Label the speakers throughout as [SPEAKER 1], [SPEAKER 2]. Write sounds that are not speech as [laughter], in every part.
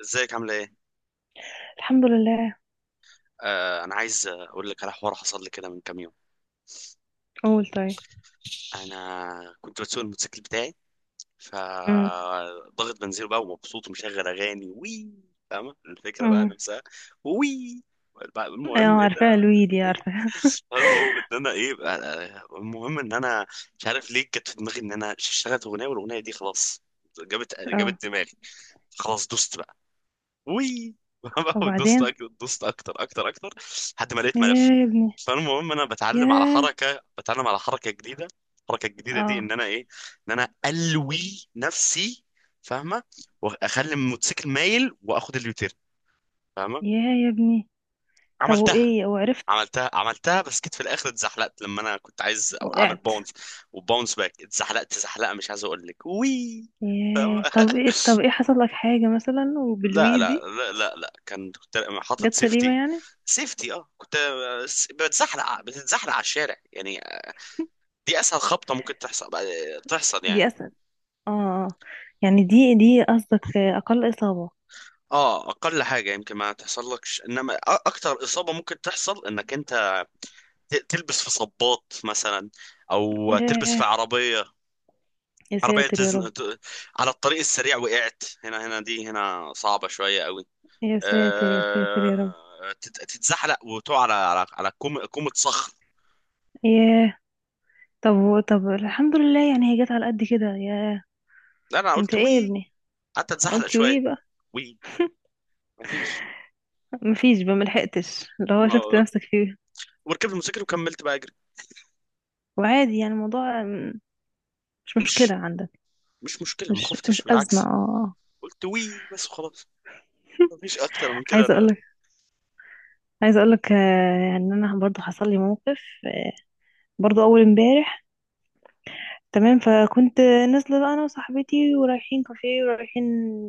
[SPEAKER 1] ازيك؟ عامله ايه؟
[SPEAKER 2] الحمد لله.
[SPEAKER 1] انا عايز اقول لك على حوار حصل لي كده من كام يوم.
[SPEAKER 2] قول طيب.
[SPEAKER 1] انا كنت بسوق الموتوسيكل بتاعي،
[SPEAKER 2] امم
[SPEAKER 1] فضغط بنزين بقى ومبسوط ومشغل اغاني. وي. فاهمه الفكره بقى
[SPEAKER 2] امم
[SPEAKER 1] نفسها. وي. بقى
[SPEAKER 2] اه
[SPEAKER 1] المهم ايه ده؟
[SPEAKER 2] عارفاها لويدي
[SPEAKER 1] إيه؟
[SPEAKER 2] عارفاها. [laughs]
[SPEAKER 1] المهم ان انا مش عارف ليه جت في دماغي ان انا اشتغلت اغنيه، والاغنيه دي خلاص جابت
[SPEAKER 2] اه
[SPEAKER 1] جابت دماغي. خلاص دوست بقى. وي. [laughs]
[SPEAKER 2] وبعدين.
[SPEAKER 1] دوست اكتر اكتر اكتر. لحد ما لقيت
[SPEAKER 2] يا
[SPEAKER 1] ملف.
[SPEAKER 2] يا ابني.
[SPEAKER 1] فالمهم انا
[SPEAKER 2] يا
[SPEAKER 1] بتعلم على حركه جديده. الحركه الجديده دي
[SPEAKER 2] اه
[SPEAKER 1] ان انا ايه؟ ان انا الوي نفسي. فاهمه؟ واخلي الموتوسيكل مايل واخد اليوتيرن. فاهمه؟
[SPEAKER 2] يا يا ابني. طب
[SPEAKER 1] عملتها
[SPEAKER 2] وايه وعرفت؟
[SPEAKER 1] عملتها، بس جيت في الاخر اتزحلقت لما انا كنت عايز اعمل
[SPEAKER 2] وقعت؟
[SPEAKER 1] باونس. وباونس باك اتزحلقت زحلقه مش عايز اقول لك. وي. فاهمه.
[SPEAKER 2] يا، طب ايه؟ حصل لك حاجة مثلا
[SPEAKER 1] لا لا
[SPEAKER 2] وبالويدي؟
[SPEAKER 1] لا لا، لا. كنت حاطط
[SPEAKER 2] جت سليمة
[SPEAKER 1] سيفتي.
[SPEAKER 2] يعني؟
[SPEAKER 1] سيفتي اه كنت بتزحلق. بتتزحلق على الشارع يعني. دي اسهل خبطه ممكن تحصل. يعني.
[SPEAKER 2] دي اسهل. اه آه. يعني دي قصدك اقل اصابة؟
[SPEAKER 1] اه، اقل حاجه يمكن ما تحصلكش، انما اكتر اصابه ممكن تحصل انك انت تلبس في صباط مثلا، او تلبس
[SPEAKER 2] يا،
[SPEAKER 1] في عربيه.
[SPEAKER 2] يا
[SPEAKER 1] عربيه
[SPEAKER 2] ساتر يا رب.
[SPEAKER 1] على الطريق السريع وقعت هنا. هنا دي هنا صعبه شويه قوي.
[SPEAKER 2] يا ساتر يا ساتر يا رب.
[SPEAKER 1] تتزحلق وتقع على على كومة صخر.
[SPEAKER 2] ياه. طب، طب الحمد لله يعني هي جت على قد كده. يا،
[SPEAKER 1] لا انا
[SPEAKER 2] انت
[SPEAKER 1] قلت
[SPEAKER 2] ايه يا
[SPEAKER 1] وي،
[SPEAKER 2] ابني؟
[SPEAKER 1] قعدت اتزحلق
[SPEAKER 2] قلت ويه
[SPEAKER 1] شويه.
[SPEAKER 2] بقى؟
[SPEAKER 1] وي. مفيش.
[SPEAKER 2] مفيش بقى؟ ملحقتش اللي هو
[SPEAKER 1] ما
[SPEAKER 2] شفت نفسك فيه؟
[SPEAKER 1] وركبت الموتوسيكل وكملت بقى اجري.
[SPEAKER 2] وعادي يعني الموضوع مش مشكلة
[SPEAKER 1] مش
[SPEAKER 2] عندك؟
[SPEAKER 1] مش مشكله، ما
[SPEAKER 2] مش
[SPEAKER 1] خفتش
[SPEAKER 2] مش أزمة. اه
[SPEAKER 1] بالعكس.
[SPEAKER 2] آه.
[SPEAKER 1] قلت وي بس وخلاص. مفيش اكتر من كده.
[SPEAKER 2] عايزة
[SPEAKER 1] لا لا.
[SPEAKER 2] أقولك. عايزة أقولك آه، يعني أنا برضو حصل لي موقف. آه، برضو أول امبارح. تمام. فكنت نازلة بقى أنا وصاحبتي، ورايحين كافيه، ورايحين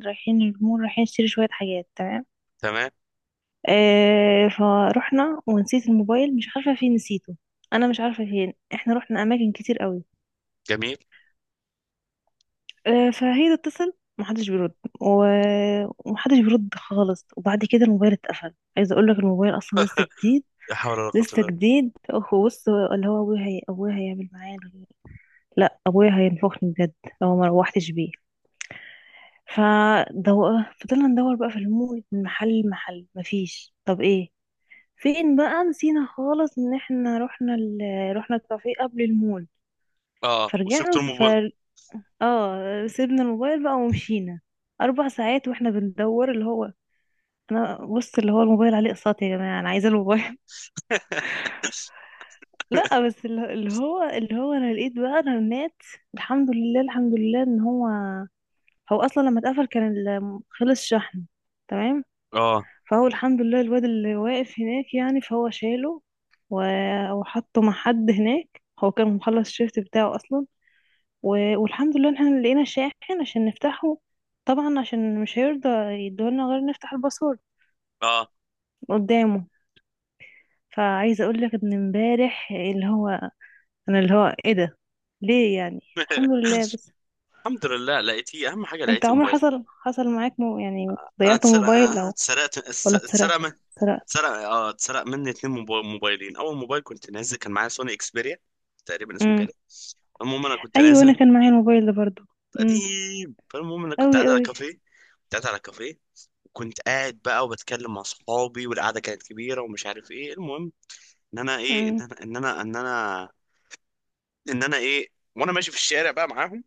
[SPEAKER 2] رايحين المول، رايحين نشتري شوية حاجات، تمام.
[SPEAKER 1] تمام.
[SPEAKER 2] آه، فروحنا ونسيت الموبايل، مش عارفة فين نسيته. أنا مش عارفة فين، احنا رحنا أماكن كتير قوي.
[SPEAKER 1] جميل.
[SPEAKER 2] آه، فهي تتصل، محدش بيرد. و- ومحدش بيرد خالص. وبعد كده الموبايل اتقفل. عايزه اقول لك الموبايل اصلا لسه جديد.
[SPEAKER 1] لا حول ولا قوه الا
[SPEAKER 2] لسه
[SPEAKER 1] بالله.
[SPEAKER 2] جديد. هو بص اللي هو ابويا، هي ابويا هيعمل معايا. لا، ابويا هينفخني بجد لو ما روحتش بيه. فدو... فضلنا ندور بقى في المول من محل لمحل. مفيش. طب ايه؟ فين بقى؟ نسينا خالص ان احنا رحنا رحنا الكافيه قبل المول.
[SPEAKER 1] اه وسبت
[SPEAKER 2] فرجعنا.
[SPEAKER 1] الموبايل.
[SPEAKER 2] اه، سيبنا الموبايل بقى ومشينا. اربع ساعات واحنا بندور، اللي هو انا بص اللي هو الموبايل عليه اقساط يا جماعه، انا عايزه الموبايل. [laughs] لا بس اللي هو انا لقيت بقى رنات. الحمد لله، الحمد لله ان هو، هو اصلا لما اتقفل كان خلص شحن. تمام.
[SPEAKER 1] اه
[SPEAKER 2] فهو الحمد لله الواد اللي واقف هناك يعني فهو شاله وحطه مع حد هناك. هو كان مخلص الشيفت بتاعه اصلا، والحمد لله ان احنا لقينا شاحن عشان نفتحه. طبعا عشان مش هيرضى يدولنا غير نفتح الباسورد
[SPEAKER 1] اه.
[SPEAKER 2] قدامه. فعايزه اقول لك ان امبارح اللي هو، انا اللي هو ايه ده؟ ليه يعني؟ الحمد
[SPEAKER 1] [laughs]
[SPEAKER 2] لله بس.
[SPEAKER 1] الحمد لله لقيتيه، اهم حاجه
[SPEAKER 2] انت
[SPEAKER 1] لقيت
[SPEAKER 2] عمر
[SPEAKER 1] الموبايل.
[SPEAKER 2] حصل، حصل معاك مو يعني
[SPEAKER 1] انا
[SPEAKER 2] ضيعت
[SPEAKER 1] اتسرق
[SPEAKER 2] موبايل
[SPEAKER 1] أنا
[SPEAKER 2] او
[SPEAKER 1] اتسرقت اتس-
[SPEAKER 2] ولا
[SPEAKER 1] اتسرق
[SPEAKER 2] اتسرقت؟
[SPEAKER 1] من
[SPEAKER 2] اتسرقت.
[SPEAKER 1] اتسرق مني اتنين موبايلين. اول موبايل كنت نازل كان معايا سوني اكسبيريا تقريبا اسمه
[SPEAKER 2] امم.
[SPEAKER 1] كده. المهم انا كنت
[SPEAKER 2] ايوه، انا
[SPEAKER 1] نازل.
[SPEAKER 2] كان معايا الموبايل ده برضو. امم.
[SPEAKER 1] قديم. فالمهم انا
[SPEAKER 2] قوي قوي.
[SPEAKER 1] كنت قاعد على كافيه. وكنت قاعد بقى وبتكلم مع صحابي، والقعده كانت كبيره ومش عارف ايه. المهم ان انا ايه، ان
[SPEAKER 2] امم
[SPEAKER 1] انا ان انا ان انا ان انا ايه؟ وانا ماشي في الشارع بقى معاهم،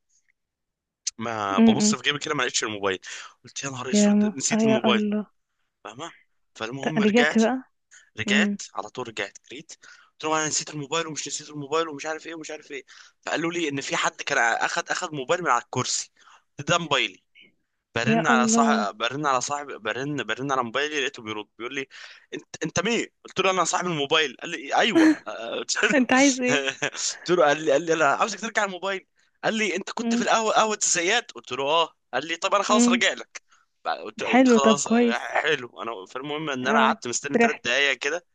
[SPEAKER 1] ما ببص
[SPEAKER 2] امم
[SPEAKER 1] في جيبي كده ما لقيتش الموبايل. قلت يا نهار
[SPEAKER 2] يا
[SPEAKER 1] اسود
[SPEAKER 2] م... آه
[SPEAKER 1] نسيت
[SPEAKER 2] يا
[SPEAKER 1] الموبايل.
[SPEAKER 2] الله.
[SPEAKER 1] فاهمه؟ فالمهم
[SPEAKER 2] رجعت بقى. امم.
[SPEAKER 1] رجعت على طول. رجعت جريت. قلت لهم انا نسيت الموبايل ومش نسيت الموبايل ومش عارف ايه ومش عارف ايه. فقالوا لي ان في حد كان اخد موبايل من على الكرسي، ده موبايلي.
[SPEAKER 2] يا الله.
[SPEAKER 1] برن على موبايلي، لقيته بيرد بيقول لي انت مين؟ قلت له انا صاحب الموبايل. قال لي ايوه. [laughs] آه، قلت له.
[SPEAKER 2] انت عايز ايه؟
[SPEAKER 1] [laughs] قلت له، قال لي انا عاوزك ترجع الموبايل. قال لي، انت كنت في القهوه، قهوه الزيات. قلت له اه. قال لي طب انا خلاص
[SPEAKER 2] امم.
[SPEAKER 1] راجع لك. قلت
[SPEAKER 2] حلو. طب
[SPEAKER 1] خلاص. آه،
[SPEAKER 2] كويس.
[SPEAKER 1] حلو انا. فالمهم ان انا
[SPEAKER 2] اه.
[SPEAKER 1] قعدت مستني ثلاث
[SPEAKER 2] فرحت.
[SPEAKER 1] دقايق كده.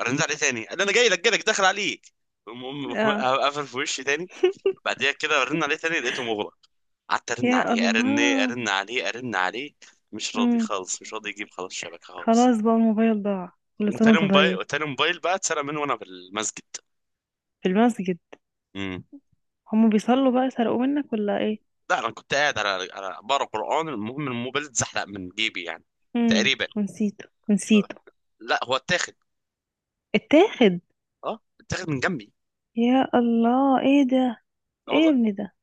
[SPEAKER 1] رن عليه تاني قال لي انا جاي لك داخل عليك. المهم
[SPEAKER 2] اه،
[SPEAKER 1] [laughs] قفل في وشي تاني. بعديها كده رن عليه تاني لقيته مغلق. قعدت ارن
[SPEAKER 2] يا
[SPEAKER 1] عليه، ارن،
[SPEAKER 2] الله.
[SPEAKER 1] ارن عليه، ارن عليه. مش راضي
[SPEAKER 2] امم.
[SPEAKER 1] خالص، مش راضي يجيب خلاص الشبكه خالص.
[SPEAKER 2] خلاص بقى الموبايل ضاع. كل سنة وانت طيب.
[SPEAKER 1] وتاني موبايل بقى اتسرق مني وانا في المسجد.
[SPEAKER 2] في المسجد؟
[SPEAKER 1] امم
[SPEAKER 2] هم بيصلوا بقى سرقوه منك ولا ايه؟
[SPEAKER 1] لا انا كنت قاعد على بقرا قران. المهم الموبايل اتزحلق من جيبي يعني تقريبا.
[SPEAKER 2] ونسيته
[SPEAKER 1] آه،
[SPEAKER 2] ونسيته.
[SPEAKER 1] لا هو اتاخد.
[SPEAKER 2] اتاخد؟
[SPEAKER 1] اه اتاخد من جنبي.
[SPEAKER 2] يا الله، ايه ده؟
[SPEAKER 1] اه
[SPEAKER 2] ايه يا
[SPEAKER 1] والله.
[SPEAKER 2] ابني ده؟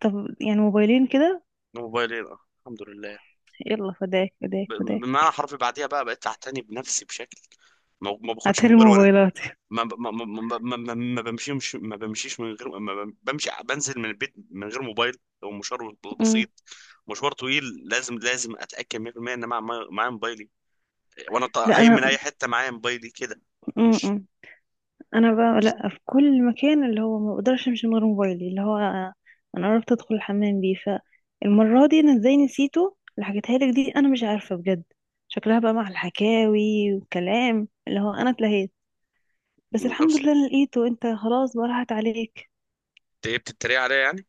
[SPEAKER 2] طب يعني موبايلين كده.
[SPEAKER 1] موبايلين، اه الحمد لله.
[SPEAKER 2] يلا فداك فداك فداك.
[SPEAKER 1] بمعنى حرفي بعديها بقى بقيت اعتني بنفسي بشكل. ما باخدش
[SPEAKER 2] هاتلي
[SPEAKER 1] موبايل وانا،
[SPEAKER 2] موبايلاتي.
[SPEAKER 1] ما ب- ما ما ما ما ما- ما بمشيش من غير ما بم- بمشي، بنزل من البيت من غير موبايل لو مشوار
[SPEAKER 2] امم.
[SPEAKER 1] بسيط. مشوار طويل لازم اتاكد 100% ان معايا موبايلي، وانا
[SPEAKER 2] لا
[SPEAKER 1] قايم من اي
[SPEAKER 2] انا.
[SPEAKER 1] حته معايا موبايلي كده. مش
[SPEAKER 2] امم. انا بقى لا، في كل مكان، اللي هو ما بقدرش امشي من غير موبايلي، اللي هو انا عرفت ادخل الحمام بيه. فالمره دي انا ازاي نسيته، اللي حكيتها لك دي، انا مش عارفه بجد. شكلها بقى مع الحكاوي والكلام، اللي هو انا اتلهيت. بس الحمد
[SPEAKER 1] أبص-
[SPEAKER 2] لله أنا لقيته. انت خلاص بقى راحت عليك.
[SPEAKER 1] إنت إيه بتتريق عليا يعني؟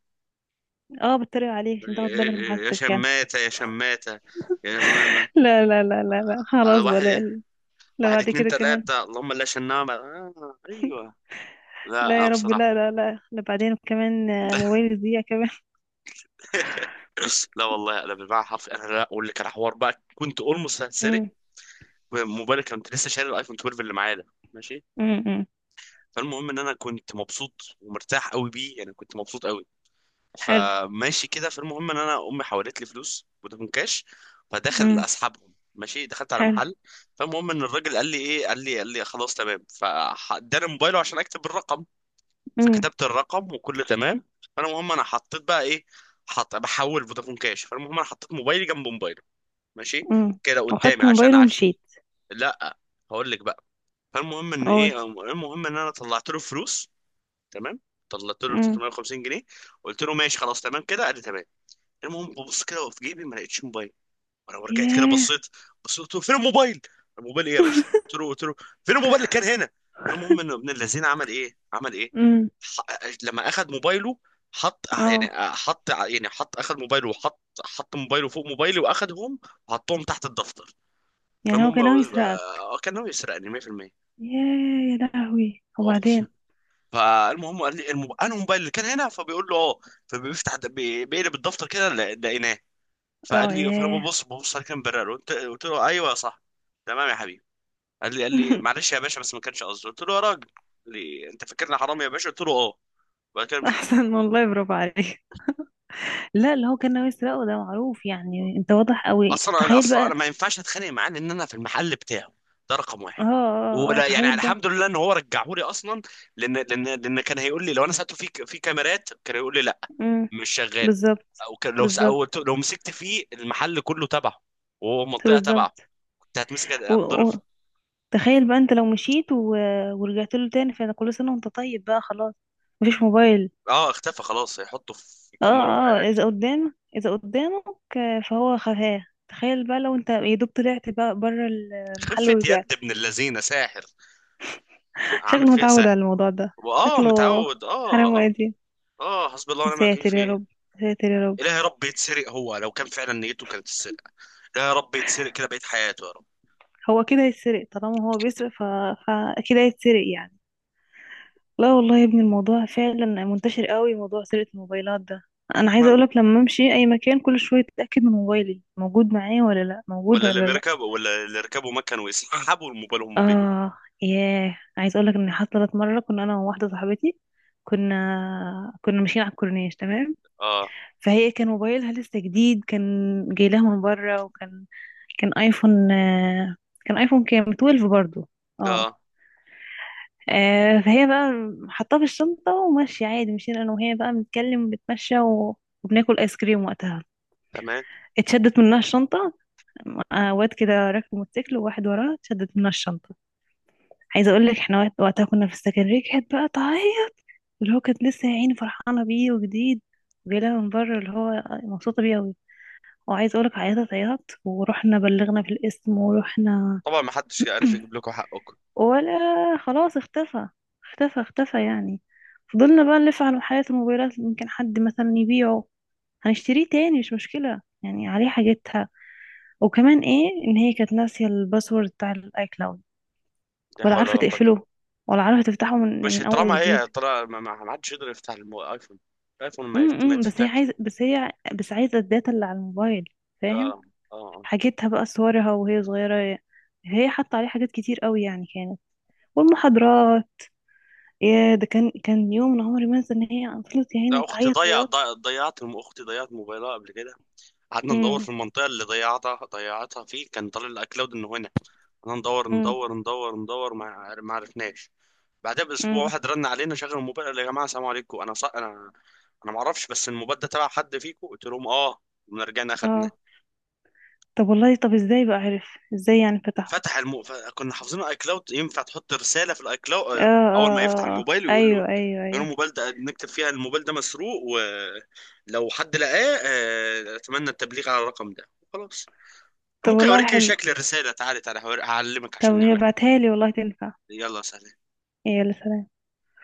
[SPEAKER 2] اه، بتريق عليك عشان تاخد بالك من
[SPEAKER 1] يا
[SPEAKER 2] حاجتك يعني.
[SPEAKER 1] شماتة يا شماتة. يعني
[SPEAKER 2] [laughs] لا لا لا لا لا،
[SPEAKER 1] أنا
[SPEAKER 2] خلاص بقى،
[SPEAKER 1] واحد.
[SPEAKER 2] لا. لا
[SPEAKER 1] واحد
[SPEAKER 2] بعد
[SPEAKER 1] اتنين
[SPEAKER 2] كده كمان،
[SPEAKER 1] تلاتة اللهم لا شنامة. آه أيوه. لا
[SPEAKER 2] لا
[SPEAKER 1] أنا
[SPEAKER 2] يا رب،
[SPEAKER 1] بصراحة.
[SPEAKER 2] لا لا لا لا بعدين كمان آه،
[SPEAKER 1] [laughs]
[SPEAKER 2] موبايلي يضيع كمان.
[SPEAKER 1] لا والله انا بالمعنى حرفي. لا اقول لك على حوار بقى كنت اولموست
[SPEAKER 2] [laughs]
[SPEAKER 1] هتسرق
[SPEAKER 2] امم
[SPEAKER 1] موبايلي. كنت لسه شاري الايفون 12 اللي معايا ده. ماشي.
[SPEAKER 2] أمم.
[SPEAKER 1] فالمهم ان انا كنت مبسوط ومرتاح قوي بيه، يعني كنت مبسوط قوي.
[SPEAKER 2] حلو.
[SPEAKER 1] فماشي كده. فالمهم ان انا امي حولت لي فلوس فودافون كاش. فداخل
[SPEAKER 2] امم.
[SPEAKER 1] اسحبهم ماشي، دخلت على
[SPEAKER 2] حلو.
[SPEAKER 1] محل. فالمهم ان الراجل قال لي ايه، قال لي خلاص تمام. فاداني موبايله عشان اكتب الرقم.
[SPEAKER 2] امم
[SPEAKER 1] فكتبت الرقم وكله تمام. المهم انا حطيت بقى ايه. حط بحول فودافون كاش. فالمهم انا حطيت موبايلي جنب موبايله، ماشي
[SPEAKER 2] امم
[SPEAKER 1] كده قدامي
[SPEAKER 2] وخدت
[SPEAKER 1] عشان
[SPEAKER 2] موبايله ومشيت.
[SPEAKER 1] لا، هقول لك بقى. فالمهم ان
[SPEAKER 2] اقول.
[SPEAKER 1] ايه، المهم ان انا طلعت له فلوس. تمام. طلعت له
[SPEAKER 2] امم.
[SPEAKER 1] 350 جنيه. قلت له ماشي خلاص تمام كده. قال لي تمام. المهم ببص كده في جيبي، ما لقيتش موبايل. وانا رجعت كده
[SPEAKER 2] ياه.
[SPEAKER 1] بصيت. قلت له فين الموبايل؟ الموبايل ايه يا باشا؟ قلت له فين الموبايل اللي كان هنا؟ المهم ان ابن الذين عمل ايه،
[SPEAKER 2] امم.
[SPEAKER 1] ح... لما اخذ موبايله، حط يعني
[SPEAKER 2] اه.
[SPEAKER 1] حط يعني حط اخذ موبايله وحط حط موبايله فوق موبايلي واخدهم، وحطهم تحت الدفتر.
[SPEAKER 2] يعني هو
[SPEAKER 1] فالمهم
[SPEAKER 2] كان ناوي يسرقك.
[SPEAKER 1] كان ناوي يسرقني 100%.
[SPEAKER 2] ياه يا لهوي.
[SPEAKER 1] أقسم.
[SPEAKER 2] وبعدين؟
[SPEAKER 1] فالمهم قال لي الموبايل، الموبايل اللي كان هنا. فبيقول له اه. بيقلب الدفتر كده، لقيناه.
[SPEAKER 2] اه
[SPEAKER 1] فقال لي،
[SPEAKER 2] ياه.
[SPEAKER 1] ببص على كام برر. قلت له ايوه صح تمام يا حبيبي. قال لي
[SPEAKER 2] [laughs]
[SPEAKER 1] معلش يا باشا بس ما كانش قصدي. قلت له يا راجل. قال لي انت فاكرني حرامي يا باشا؟ قلت له اه. وبعد كده مشي.
[SPEAKER 2] احسن والله، برافو عليك. لا، اللي هو كان ناوي يسرقه، ده معروف يعني، انت واضح قوي. تخيل
[SPEAKER 1] اصلا انا
[SPEAKER 2] بقى.
[SPEAKER 1] ما ينفعش اتخانق معاه، لان انا في المحل بتاعه، ده رقم
[SPEAKER 2] اه
[SPEAKER 1] واحد.
[SPEAKER 2] اه اه آه.
[SPEAKER 1] ولا يعني،
[SPEAKER 2] تخيل بقى.
[SPEAKER 1] الحمد لله ان هو رجعهولي اصلا. لان كان هيقول لي، لو انا سالته في كاميرات، كان هيقول لي لا
[SPEAKER 2] امم.
[SPEAKER 1] مش شغال.
[SPEAKER 2] بالظبط.
[SPEAKER 1] او كان لو س-
[SPEAKER 2] بالظبط.
[SPEAKER 1] أو لو مسكت فيه، المحل كله تبعه وهو منطقه تبعه،
[SPEAKER 2] بالظبط.
[SPEAKER 1] كنت هتمسك
[SPEAKER 2] و...
[SPEAKER 1] هتضرب.
[SPEAKER 2] و... تخيل بقى انت لو مشيت ورجعت له تاني، فانا كل سنه وانت طيب بقى خلاص. مفيش موبايل.
[SPEAKER 1] اه اختفى خلاص، هيحطه في
[SPEAKER 2] اه
[SPEAKER 1] يكمروا في
[SPEAKER 2] اه.
[SPEAKER 1] قاعد.
[SPEAKER 2] اذا قدام، اذا قدامك آه، فهو خفاه. تخيل بقى لو انت يا دوب طلعت بقى بره المحل
[SPEAKER 1] خفة يد
[SPEAKER 2] ورجعت.
[SPEAKER 1] ابن اللذينه ساحر،
[SPEAKER 2] شكله
[SPEAKER 1] عامل فيها
[SPEAKER 2] متعود
[SPEAKER 1] ساحر.
[SPEAKER 2] على الموضوع ده، شكله.
[SPEAKER 1] متعود.
[SPEAKER 2] حرام
[SPEAKER 1] اه اه
[SPEAKER 2] وادي.
[SPEAKER 1] اه. حسبي الله
[SPEAKER 2] يا
[SPEAKER 1] ونعم الوكيل
[SPEAKER 2] ساتر يا
[SPEAKER 1] فيه.
[SPEAKER 2] رب. يا ساتر يا رب.
[SPEAKER 1] إله يا رب يتسرق. هو لو كان فعلا نيته كانت تتسرق، إله يا رب يتسرق كده بقيت حياته يا رب.
[SPEAKER 2] هو كده هيتسرق، طالما هو بيسرق فاكيد هيتسرق يعني. لا والله يا ابني، الموضوع فعلا منتشر قوي، موضوع سرقة الموبايلات ده. انا عايزه
[SPEAKER 1] ماله؟
[SPEAKER 2] اقولك، لما امشي اي مكان كل شويه اتاكد من موبايلي، موجود معايا ولا لا، موجود
[SPEAKER 1] ولا اللي
[SPEAKER 2] ولا لا.
[SPEAKER 1] بيركب ولا اللي ركبوا ما كانوا يسحبوا الموبايل وهم بيجوا؟
[SPEAKER 2] اه ياه، عايز اقول لك ان حصلت مره، كنا انا وواحده صاحبتي، كنا ماشيين على الكورنيش. تمام.
[SPEAKER 1] اه
[SPEAKER 2] فهي كان موبايلها لسه جديد، كان جاي لها من بره، وكان كان ايفون آه، كان ايفون كام 12 برضو. اه.
[SPEAKER 1] اه.
[SPEAKER 2] آه، فهي بقى حطاه في الشنطه وماشيه عادي. مشينا انا وهي بقى بنتكلم بنتمشى وبناكل ايس كريم وقتها.
[SPEAKER 1] تمام.
[SPEAKER 2] اتشدت منها الشنطه. آه، واد كده راكب موتوسيكل وواحد وراه، اتشدت منها الشنطه. عايزه اقول لك احنا وقتها كنا في السكن. كانت بقى تعيط. اللي هو كانت لسه يا عيني فرحانه بيه وجديد، وجايلها من بره، اللي هو مبسوطه بيه قوي. وعايزه اقول لك، عيطت عياط، ورحنا بلغنا في القسم، ورحنا.
[SPEAKER 1] طبعا ما حدش عارف يجيب لكم حقكم.
[SPEAKER 2] [clears throat] ولا. خلاص اختفى. اختفى اختفى يعني. فضلنا بقى نلف على محلات الموبايلات، يمكن حد مثلا يبيعه، هنشتريه تاني، مش مشكلة يعني، عليه حاجتها. وكمان ايه ان هي كانت ناسية الباسورد بتاع الاي كلاود،
[SPEAKER 1] لا
[SPEAKER 2] ولا
[SPEAKER 1] حول
[SPEAKER 2] عارفة
[SPEAKER 1] ولا قوة إلا.
[SPEAKER 2] تقفله، ولا عارفة تفتحه من
[SPEAKER 1] مش
[SPEAKER 2] من اول وجديد.
[SPEAKER 1] طالما ما حدش يقدر يفتح الايفون. الايفون ما
[SPEAKER 2] بس هي
[SPEAKER 1] يتفتحش.
[SPEAKER 2] عايزه، بس هي بس عايزه الداتا اللي على الموبايل.
[SPEAKER 1] اه
[SPEAKER 2] فاهم.
[SPEAKER 1] اه آه.
[SPEAKER 2] حاجتها بقى، صورها وهي صغيره، هي حاطه عليه حاجات كتير قوي يعني كانت. والمحاضرات. يا ده، كان كان يوم أنا عمري ما انسى ان هي فضلت يا عيني
[SPEAKER 1] لا اختي
[SPEAKER 2] تعيط عياط.
[SPEAKER 1] ضيعت موبايلها قبل كده. قعدنا ندور
[SPEAKER 2] امم
[SPEAKER 1] في المنطقه اللي ضيعتها فيه، كان طالع الاكلاود انه هنا. قعدنا ندور
[SPEAKER 2] امم
[SPEAKER 1] ندور ندور ندور، ما عرفناش. بعدها باسبوع
[SPEAKER 2] امم
[SPEAKER 1] واحد رن علينا شغل الموبايل. قال يا جماعه السلام عليكم، انا انا ما اعرفش بس الموبايل ده تبع حد فيكم؟ قلت لهم اه. قمنا رجعنا اخدناه.
[SPEAKER 2] اه. طب والله، طب ازاي بقى عرف؟ ازاي يعني فتحه؟
[SPEAKER 1] كنا حافظين الاي كلاود، ينفع تحط رساله في الاي
[SPEAKER 2] اه
[SPEAKER 1] كلاود.
[SPEAKER 2] اه
[SPEAKER 1] اول ما يفتح
[SPEAKER 2] اه، آه.
[SPEAKER 1] الموبايل ويقول له، يقول
[SPEAKER 2] ايوه ايوه
[SPEAKER 1] له
[SPEAKER 2] ايوه.
[SPEAKER 1] الموبايل ده، نكتب فيها الموبايل ده مسروق ولو حد لقاه اتمنى التبليغ على الرقم ده. خلاص.
[SPEAKER 2] طب
[SPEAKER 1] ممكن
[SPEAKER 2] والله
[SPEAKER 1] اوريك
[SPEAKER 2] حلو.
[SPEAKER 1] شكل الرساله؟ تعالي تعالي هعلمك
[SPEAKER 2] طب
[SPEAKER 1] عشان
[SPEAKER 2] هي
[SPEAKER 1] نعملها.
[SPEAKER 2] بعتها لي والله تنفع.
[SPEAKER 1] يلا سهل.
[SPEAKER 2] يا سلام.